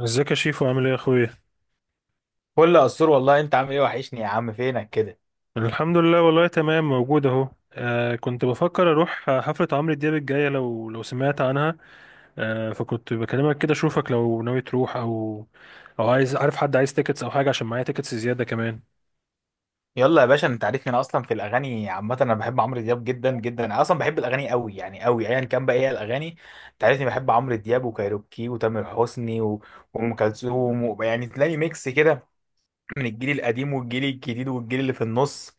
ازيك يا شيفو؟ عامل ايه يا اخويا؟ كل قصور والله، انت عامل ايه؟ وحشني يا عم، فينك كده؟ الحمد لله والله تمام، موجود اهو. كنت بفكر اروح حفلة عمرو دياب الجاية، لو سمعت عنها. فكنت بكلمك كده اشوفك لو ناوي تروح او عايز، عارف حد عايز تيكتس او حاجة، عشان معايا تيكتس زيادة كمان. يلا يا باشا، انت عارفني، انا اصلا في الاغاني عامه، انا بحب عمرو دياب جدا جدا، انا اصلا بحب الاغاني قوي، يعني قوي ايا كان، بقى ايه الاغاني؟ انت عارفني بحب عمرو دياب وكايروكي وتامر حسني وام كلثوم يعني تلاقي ميكس كده من الجيل القديم والجيل الجديد والجيل اللي في النص.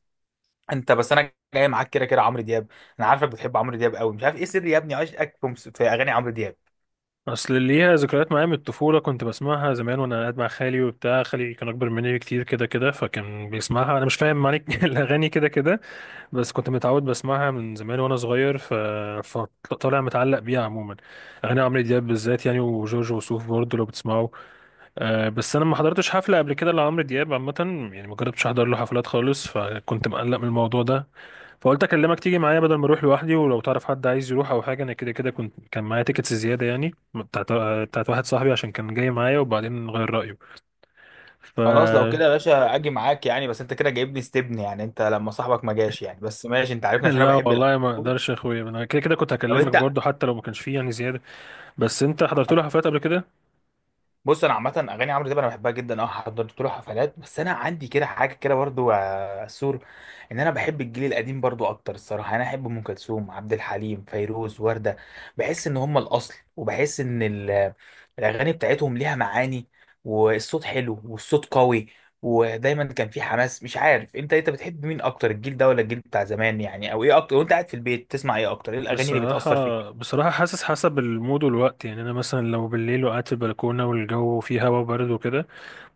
انت بس انا جاي معاك كده كده عمرو دياب. انا عارفك بتحب عمرو دياب قوي، مش عارف ايه سر يا ابني عشقك في في اغاني عمرو دياب. اصل اللي ليها ذكريات معايا من الطفولة، كنت بسمعها زمان وانا قاعد مع خالي، وبتاع خالي كان اكبر مني بكتير كده كده، فكان بيسمعها انا مش فاهم معنى الاغاني كده كده. بس كنت متعود بسمعها من زمان وانا صغير، فطالع متعلق بيها عموما. اغاني عمرو دياب بالذات يعني، وجورج وسوف برضه لو بتسمعوا. بس انا ما حضرتش حفله قبل كده لعمرو دياب عامه، يعني ما جربتش احضر له حفلات خالص، فكنت مقلق من الموضوع ده. فقلت اكلمك تيجي معايا بدل ما اروح لوحدي، ولو تعرف حد عايز يروح او حاجه، انا كده كده كنت كان معايا تيكتس زياده، يعني بتاعت واحد صاحبي عشان كان جاي معايا وبعدين غير رايه. ف خلاص لو كده يا باشا اجي معاك يعني، بس انت كده جايبني استبن يعني، انت لما صاحبك ما جاش يعني، بس ماشي، انت عارفني عشان انا لا بحب الاكل والله ما قوي. اقدرش يا اخويا، انا كده كده كنت طب هكلمك انت، برضه حتى لو ما كانش فيه يعني زياده. بس انت حضرت له حفلات قبل كده؟ بص انا عامه اغاني عمرو دياب انا بحبها جدا، اه حضرت له حفلات، بس انا عندي كده حاجه كده برضو يا سور، ان انا بحب الجيل القديم برضو اكتر الصراحه، يعني انا احب ام كلثوم، عبد الحليم، فيروز، ورده. بحس ان هم الاصل، وبحس ان الاغاني بتاعتهم ليها معاني، والصوت حلو والصوت قوي، ودايما كان في حماس. مش عارف انت، انت بتحب مين اكتر؟ الجيل ده ولا الجيل بتاع زمان يعني؟ او ايه اكتر وانت قاعد في البيت تسمع؟ ايه اكتر؟ ايه الاغاني اللي بصراحه بتاثر فيك؟ بصراحه حاسس حسب المود والوقت، يعني انا مثلا لو بالليل وقعدت في البلكونه والجو فيه هوا بارد وكده،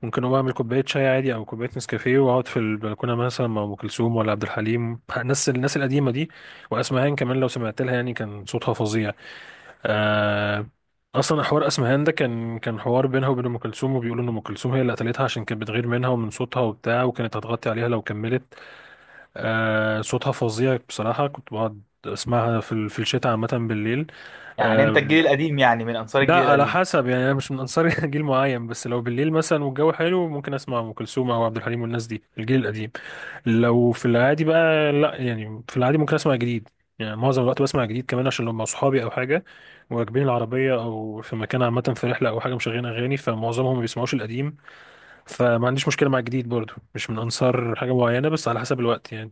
ممكن اقوم اعمل كوبايه شاي عادي او كوبايه نسكافيه واقعد في البلكونه مثلا مع ام كلثوم ولا عبد الحليم، الناس القديمه دي. واسمهان كمان لو سمعت لها يعني، كان صوتها فظيع. آه اصلا حوار اسمهان ده كان حوار بينها وبين ام كلثوم، وبيقولوا ان ام كلثوم هي اللي قتلتها عشان كانت بتغير منها ومن صوتها وبتاع، وكانت هتغطي عليها لو كملت. صوتها فظيع بصراحة، كنت بقعد اسمعها في في الشتاء عامة بالليل. يعني انت آه الجيل القديم، يعني من انصار لا، الجيل على القديم. حسب يعني، انا مش من انصار جيل معين، بس لو بالليل مثلا والجو حلو ممكن اسمع ام كلثوم او عبد الحليم والناس دي، الجيل القديم. لو في العادي بقى لا، يعني في العادي ممكن اسمع جديد. يعني معظم الوقت بسمع جديد كمان، عشان لو مع صحابي او حاجة وراكبين العربية او في مكان عامة، في رحلة او حاجة مشغلين اغاني، فمعظمهم ما بيسمعوش القديم. فما عنديش مشكلة مع الجديد برضو، مش من انصار حاجة معينة، بس على حسب الوقت يعني.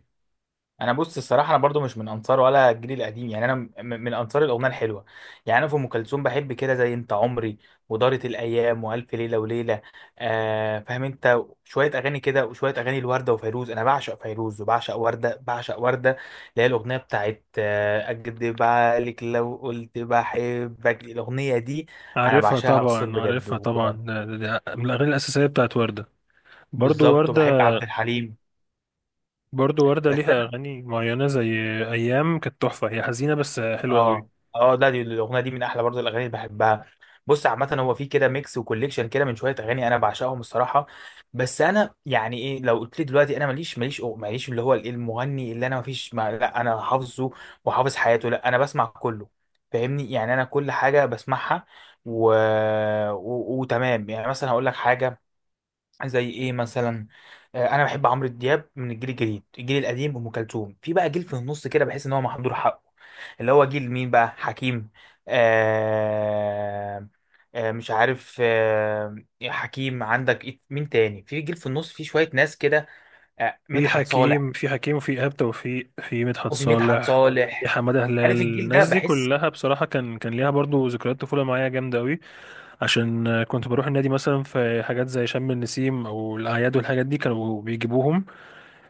انا بص الصراحه، انا برضو مش من انصار ولا الجيل القديم، يعني انا من انصار الاغنيه الحلوه. يعني انا في ام كلثوم بحب كده زي انت عمري، ودارت الايام، والف ليله وليله. آه فاهم؟ انت شويه اغاني كده وشويه اغاني، الورده وفيروز، انا بعشق فيروز وبعشق ورده، بعشق ورده اللي هي الاغنيه بتاعت آه اكدب عليك لو قلت بحبك، الاغنيه دي انا عارفها بعشقها اقصر طبعا، عارفها بجد. طبعا، ده من الأغاني الأساسية بتاعت وردة. برضو بالظبط، وردة. وبحب عبد الحليم برضو وردة بس. ليها أغاني معينة زي أيام، كانت تحفة، هي حزينة بس حلوة قوي. اه اه، لا دي الاغنيه دي من احلى برضه الاغاني اللي بحبها. بص عامه هو في كده ميكس وكوليكشن كده من شويه اغاني انا بعشقهم الصراحه. بس انا يعني ايه، لو قلت لي دلوقتي انا ماليش، ماليش اللي هو الإيه المغني اللي انا مفيش، ما لا انا حافظه وحافظ حياته، لا انا بسمع كله. فاهمني؟ يعني انا كل حاجه بسمعها. و... وتمام يعني، مثلا هقول لك حاجه زي ايه مثلا. آه، انا بحب عمرو دياب من الجيل الجديد، الجيل القديم ام كلثوم، في بقى جيل في النص كده بحس ان هو محضور حقه، اللي هو جيل مين بقى؟ حكيم. آه آه، مش عارف. آه حكيم، عندك مين تاني في جيل في النص؟ في شوية ناس كده. آه، في مدحت صالح، حكيم، وفي إيهاب توفيق، في مدحت وفي مدحت صالح، في صالح. حمادة هلال، عارف الجيل ده؟ الناس دي بحس، كلها بصراحة كان ليها برضو ذكريات طفولة معايا جامدة قوي. عشان كنت بروح النادي مثلا، في حاجات زي شم النسيم أو الأعياد والحاجات دي كانوا بيجيبوهم.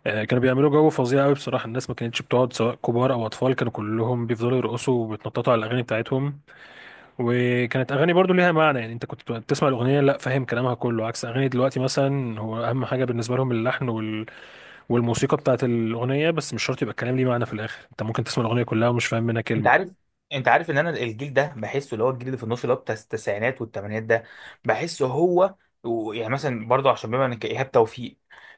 كانوا بيعملوا جو فظيع قوي بصراحة، الناس ما كانتش بتقعد، سواء كبار أو أطفال كانوا كلهم بيفضلوا يرقصوا وبيتنططوا على الأغاني بتاعتهم. وكانت أغاني برضو ليها معنى، يعني أنت كنت بتسمع الأغنية لا فاهم كلامها كله، عكس أغاني دلوقتي مثلا، هو أهم حاجة بالنسبة لهم اللحن والموسيقى بتاعت الأغنية، بس مش شرط يبقى الكلام ليه معنى في الآخر، أنت ممكن تسمع الأغنية كلها ومش فاهم منها انت كلمة. عارف، ان انا الجيل ده بحسه، اللي هو الجيل اللي في النص، اللي هو بتاع التسعينات والثمانينات ده، بحسه هو. يعني مثلا برضه عشان بما انك ايهاب توفيق،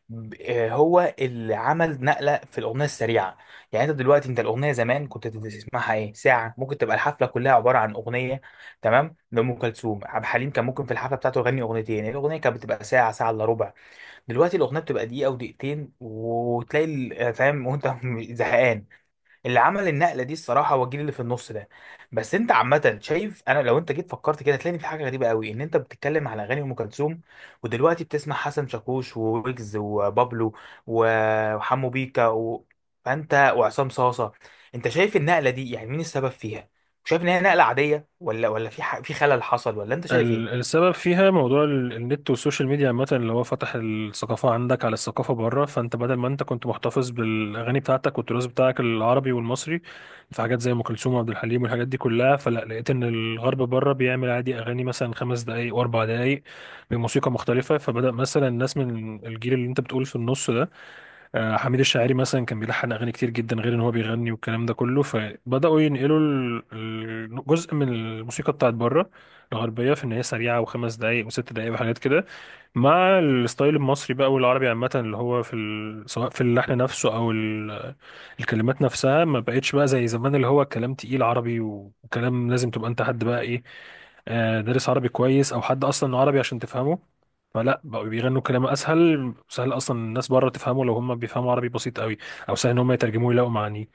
هو اللي عمل نقله في الاغنيه السريعه. يعني انت دلوقتي، انت الاغنيه زمان كنت تسمعها ايه؟ ساعه ممكن تبقى الحفله كلها عباره عن اغنيه، تمام؟ لام كلثوم عبد الحليم كان ممكن في الحفله بتاعته يغني اغنيتين، الاغنيه كانت بتبقى ساعه، ساعه الا ربع. دلوقتي الاغنيه بتبقى دقيقه ودقيقتين، وتلاقي آه، فاهم؟ وانت زهقان. اللي عمل النقله دي الصراحه هو الجيل اللي في النص ده. بس انت عامه شايف، انا لو انت جيت فكرت كده هتلاقي في حاجه غريبه قوي، ان انت بتتكلم على اغاني ام كلثوم ودلوقتي بتسمع حسن شاكوش وويجز وبابلو وحمو بيكا فانت، وعصام صاصه. انت شايف النقله دي يعني مين السبب فيها؟ شايف ان هي نقله عاديه، ولا في في خلل حصل ولا انت شايف ايه؟ السبب فيها موضوع النت والسوشيال ميديا عامة، اللي هو فتح الثقافة عندك على الثقافة بره، فانت بدل ما انت كنت محتفظ بالأغاني بتاعتك والتراث بتاعك العربي والمصري، في حاجات زي أم كلثوم وعبد الحليم والحاجات دي كلها، فلا لقيت إن الغرب بره بيعمل عادي أغاني مثلا خمس دقايق وأربع دقايق بموسيقى مختلفة. فبدأ مثلا الناس من الجيل اللي انت بتقول في النص ده، حميد الشاعري مثلا كان بيلحن اغاني كتير جدا غير ان هو بيغني والكلام ده كله، فبداوا ينقلوا جزء من الموسيقى بتاعت بره الغربيه، في ان هي سريعه وخمس دقائق وست دقائق وحاجات كده، مع الستايل المصري بقى والعربي عامة، اللي هو في سواء في اللحن نفسه أو الكلمات نفسها، ما بقتش بقى زي زمان اللي هو كلام تقيل عربي، وكلام لازم تبقى أنت حد بقى إيه، دارس عربي كويس أو حد أصلا عربي عشان تفهمه. فلا بقوا بيغنوا كلام أسهل، سهل أصلا الناس بره تفهمه لو هم بيفهموا عربي بسيط قوي، أو سهل إن هم يترجموه يلاقوا معانيه.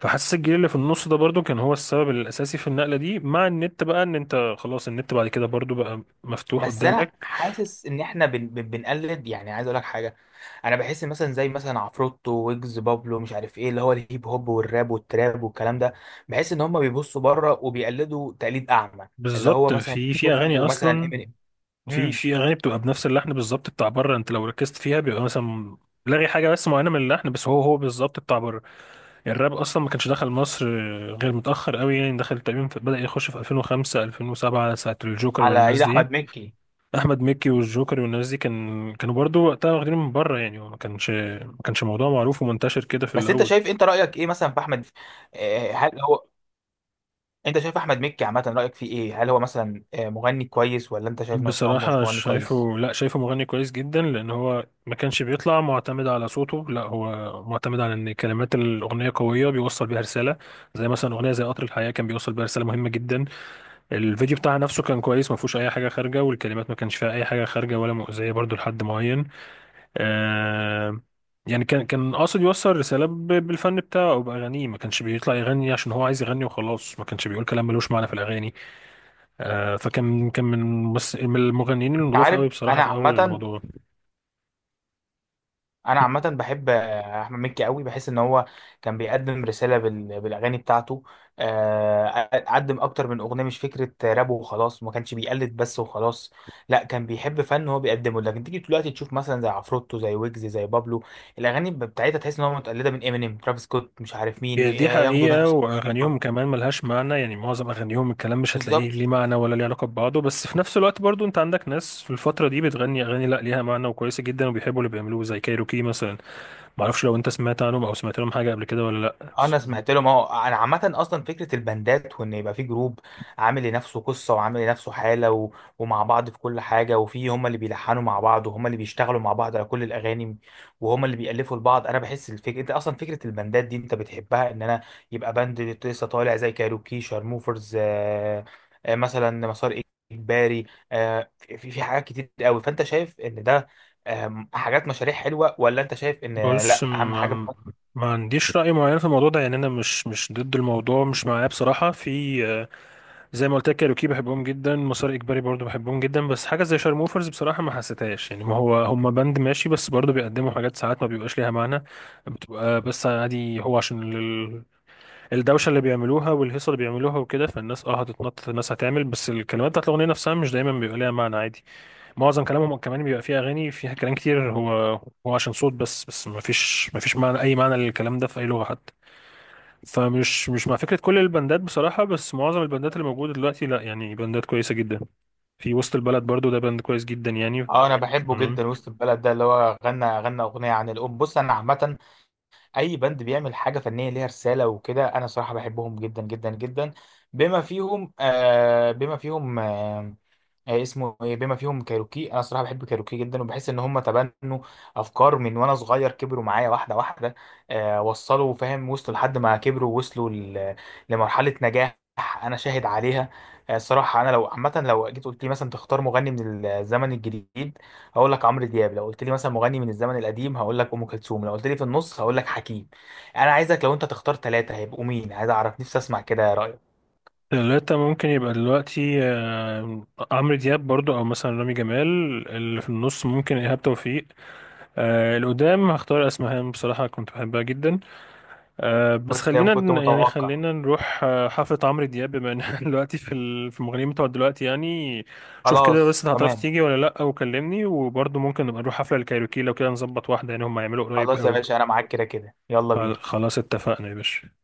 فحاسس الجيل اللي في النص ده برضو كان هو السبب الأساسي في النقلة دي، مع النت بقى، إن أنت خلاص النت بعد كده برضو بقى مفتوح بس انا قدامك. حاسس ان احنا بنقلد، يعني عايز اقول لك حاجه، انا بحس إن مثلا، زي مثلا عفروتو، ويجز، بابلو، مش عارف ايه، اللي هو الهيب هوب والراب والتراب والكلام ده، بحس ان هم بيبصوا بره وبيقلدوا تقليد اعمى، اللي هو بالظبط، مثلا في اغاني يشوفوا مثلا اصلا، امينيم. في امم، في اغاني بتبقى بنفس اللحن بالظبط بتاع بره، انت لو ركزت فيها بيبقى مثلا لغي حاجه بس معينه من اللحن، بس هو بالظبط بتاع بره. الراب اصلا ما كانش دخل مصر غير متاخر قوي، يعني دخل تقريبا بدا يخش في 2005 2007، ساعه الجوكر على والناس ايد دي. احمد مكي. احمد مكي والجوكر والناس دي كانوا برضو وقتها واخدين من بره يعني، هو ما كانش موضوع معروف ومنتشر كده في بس انت الاول. شايف، انت رايك ايه مثلا في احمد؟ آه، هل هو، انت شايف احمد مكي عامه رايك فيه ايه؟ هل هو مثلا آه، مغني كويس ولا انت شايف ان هو مش بصراحة مغني كويس؟ شايفه، لا شايفه مغني كويس جدا، لأن هو ما كانش بيطلع معتمد على صوته، لا هو معتمد على إن كلمات الأغنية قوية بيوصل بيها رسالة. زي مثلا أغنية زي قطر الحياة، كان بيوصل بيها رسالة مهمة جدا. الفيديو بتاعها نفسه كان كويس، ما فيهوش أي حاجة خارجة، والكلمات ما كانش فيها أي حاجة خارجة ولا مؤذية برضو لحد معين. آه يعني كان قاصد يوصل رسالة بالفن بتاعه أو بأغانيه، ما كانش بيطلع يغني عشان هو عايز يغني وخلاص، ما كانش بيقول كلام ملوش معنى في الأغاني. فكان من المغنيين انت النضاف عارف قوي بصراحة انا في أول عامه، الموضوع. بحب آه، احمد مكي قوي، بحس ان هو كان بيقدم رساله بالاغاني بتاعته، آه، قدم اكتر من اغنيه، مش فكره راب وخلاص، ما كانش بيقلد بس وخلاص، لا كان بيحب فن هو بيقدمه. لكن تيجي دلوقتي تشوف مثلا زي عفروتو، زي ويجز، زي بابلو، الاغاني بتاعتها تحس ان هو متقلده من امينيم، ترافيس سكوت، مش عارف مين، هي دي ياخدوا حقيقة، نفس وأغانيهم الطريقة. كمان ملهاش معنى، يعني معظم أغانيهم الكلام مش هتلاقيه بالظبط. ليه معنى ولا ليه علاقة ببعضه، بس في نفس الوقت برضو أنت عندك ناس في الفترة دي بتغني أغاني لأ ليها معنى وكويسة جدا وبيحبوا اللي بيعملوه زي كايروكي مثلا. معرفش لو أنت سمعت عنهم أو سمعت لهم حاجة قبل كده ولا لأ، اه انا سمعت له، ما هو انا عامه اصلا فكره البندات وان يبقى في جروب عامل لنفسه قصه وعامل لنفسه حاله ومع بعض في كل حاجه، وفي هم اللي بيلحنوا مع بعض وهم اللي بيشتغلوا مع بعض على كل الاغاني وهم اللي بيالفوا لبعض. انا بحس الفكره، انت اصلا فكره البندات دي انت بتحبها، ان انا يبقى بند لسه طالع زي كايروكي، شارموفرز، مثلا مسار اجباري. في حاجات كتير قوي، فانت شايف ان ده حاجات مشاريع حلوه، ولا انت شايف ان بص، لا اهم حاجه؟ ما عنديش رأي معين في الموضوع ده يعني، أنا مش ضد الموضوع، مش معاه بصراحة. في زي ما قلت لك كايروكي بحبهم جدا، مسار اجباري برضو بحبهم جدا، بس حاجه زي شارموفرز بصراحه ما حسيتهاش يعني، ما هو هم باند ماشي، بس برضو بيقدموا حاجات ساعات ما بيبقاش ليها معنى، بتبقى بس عادي هو عشان الدوشه اللي بيعملوها والهيصه اللي بيعملوها وكده، فالناس هتتنطط، الناس هتعمل، بس الكلمات بتاعت الاغنيه نفسها مش دايما بيبقى ليها معنى عادي. معظم كلامهم كمان بيبقى فيها اغاني فيها كلام كتير، هو عشان صوت بس ما فيش معنى، اي معنى للكلام ده في اي لغه حتى. فمش مش مع فكرة كل البندات بصراحة، بس معظم البندات اللي موجودة دلوقتي لا، يعني بندات كويسة جدا، في وسط البلد برضو ده بند كويس جدا يعني. اه انا بحبه تمام. جدا، وسط البلد ده اللي هو غنى اغنيه عن الام. بص انا عامه اي باند بيعمل حاجه فنيه ليها رساله وكده انا صراحه بحبهم جدا جدا جدا، بما فيهم آه، اسمه ايه؟ بما فيهم كايروكي. انا الصراحه بحب كايروكي جدا، وبحس ان هم تبنوا افكار من وانا صغير، كبروا معايا واحده واحده، آه وصلوا، فاهم؟ وصلوا لحد ما كبروا، وصلوا لمرحله نجاح انا شاهد عليها. آه، الصراحه انا لو عامه لو جيت قلت لي مثلا تختار مغني من الزمن الجديد هقول لك عمرو دياب، لو قلت لي مثلا مغني من الزمن القديم هقول لك ام كلثوم، لو قلت لي في النص هقول لك حكيم. انا عايزك لو انت تختار 3 هيبقوا مين، عايز اعرف نفسي اسمع كده رايك. ثلاثة ممكن يبقى دلوقتي عمرو دياب برضو أو مثلا رامي جمال. اللي في النص ممكن إيهاب توفيق. اللي قدام هختار أسمهان، بصراحة كنت بحبها جدا. بس كنت خلينا كنت يعني متوقع، خلينا نروح حفلة عمرو دياب، بما ان إحنا دلوقتي في في المغنيين بتوع دلوقتي يعني. شوف كده خلاص بس انت هتعرف تمام. تيجي ولا لا، وكلمني، وبرضه ممكن نبقى نروح حفلة الكايروكي لو كده نظبط واحدة يعني، هم هيعملوا قريب خلاص يا قوي. باشا انا معاك كده كده، يلا بينا. خلاص اتفقنا يا باشا.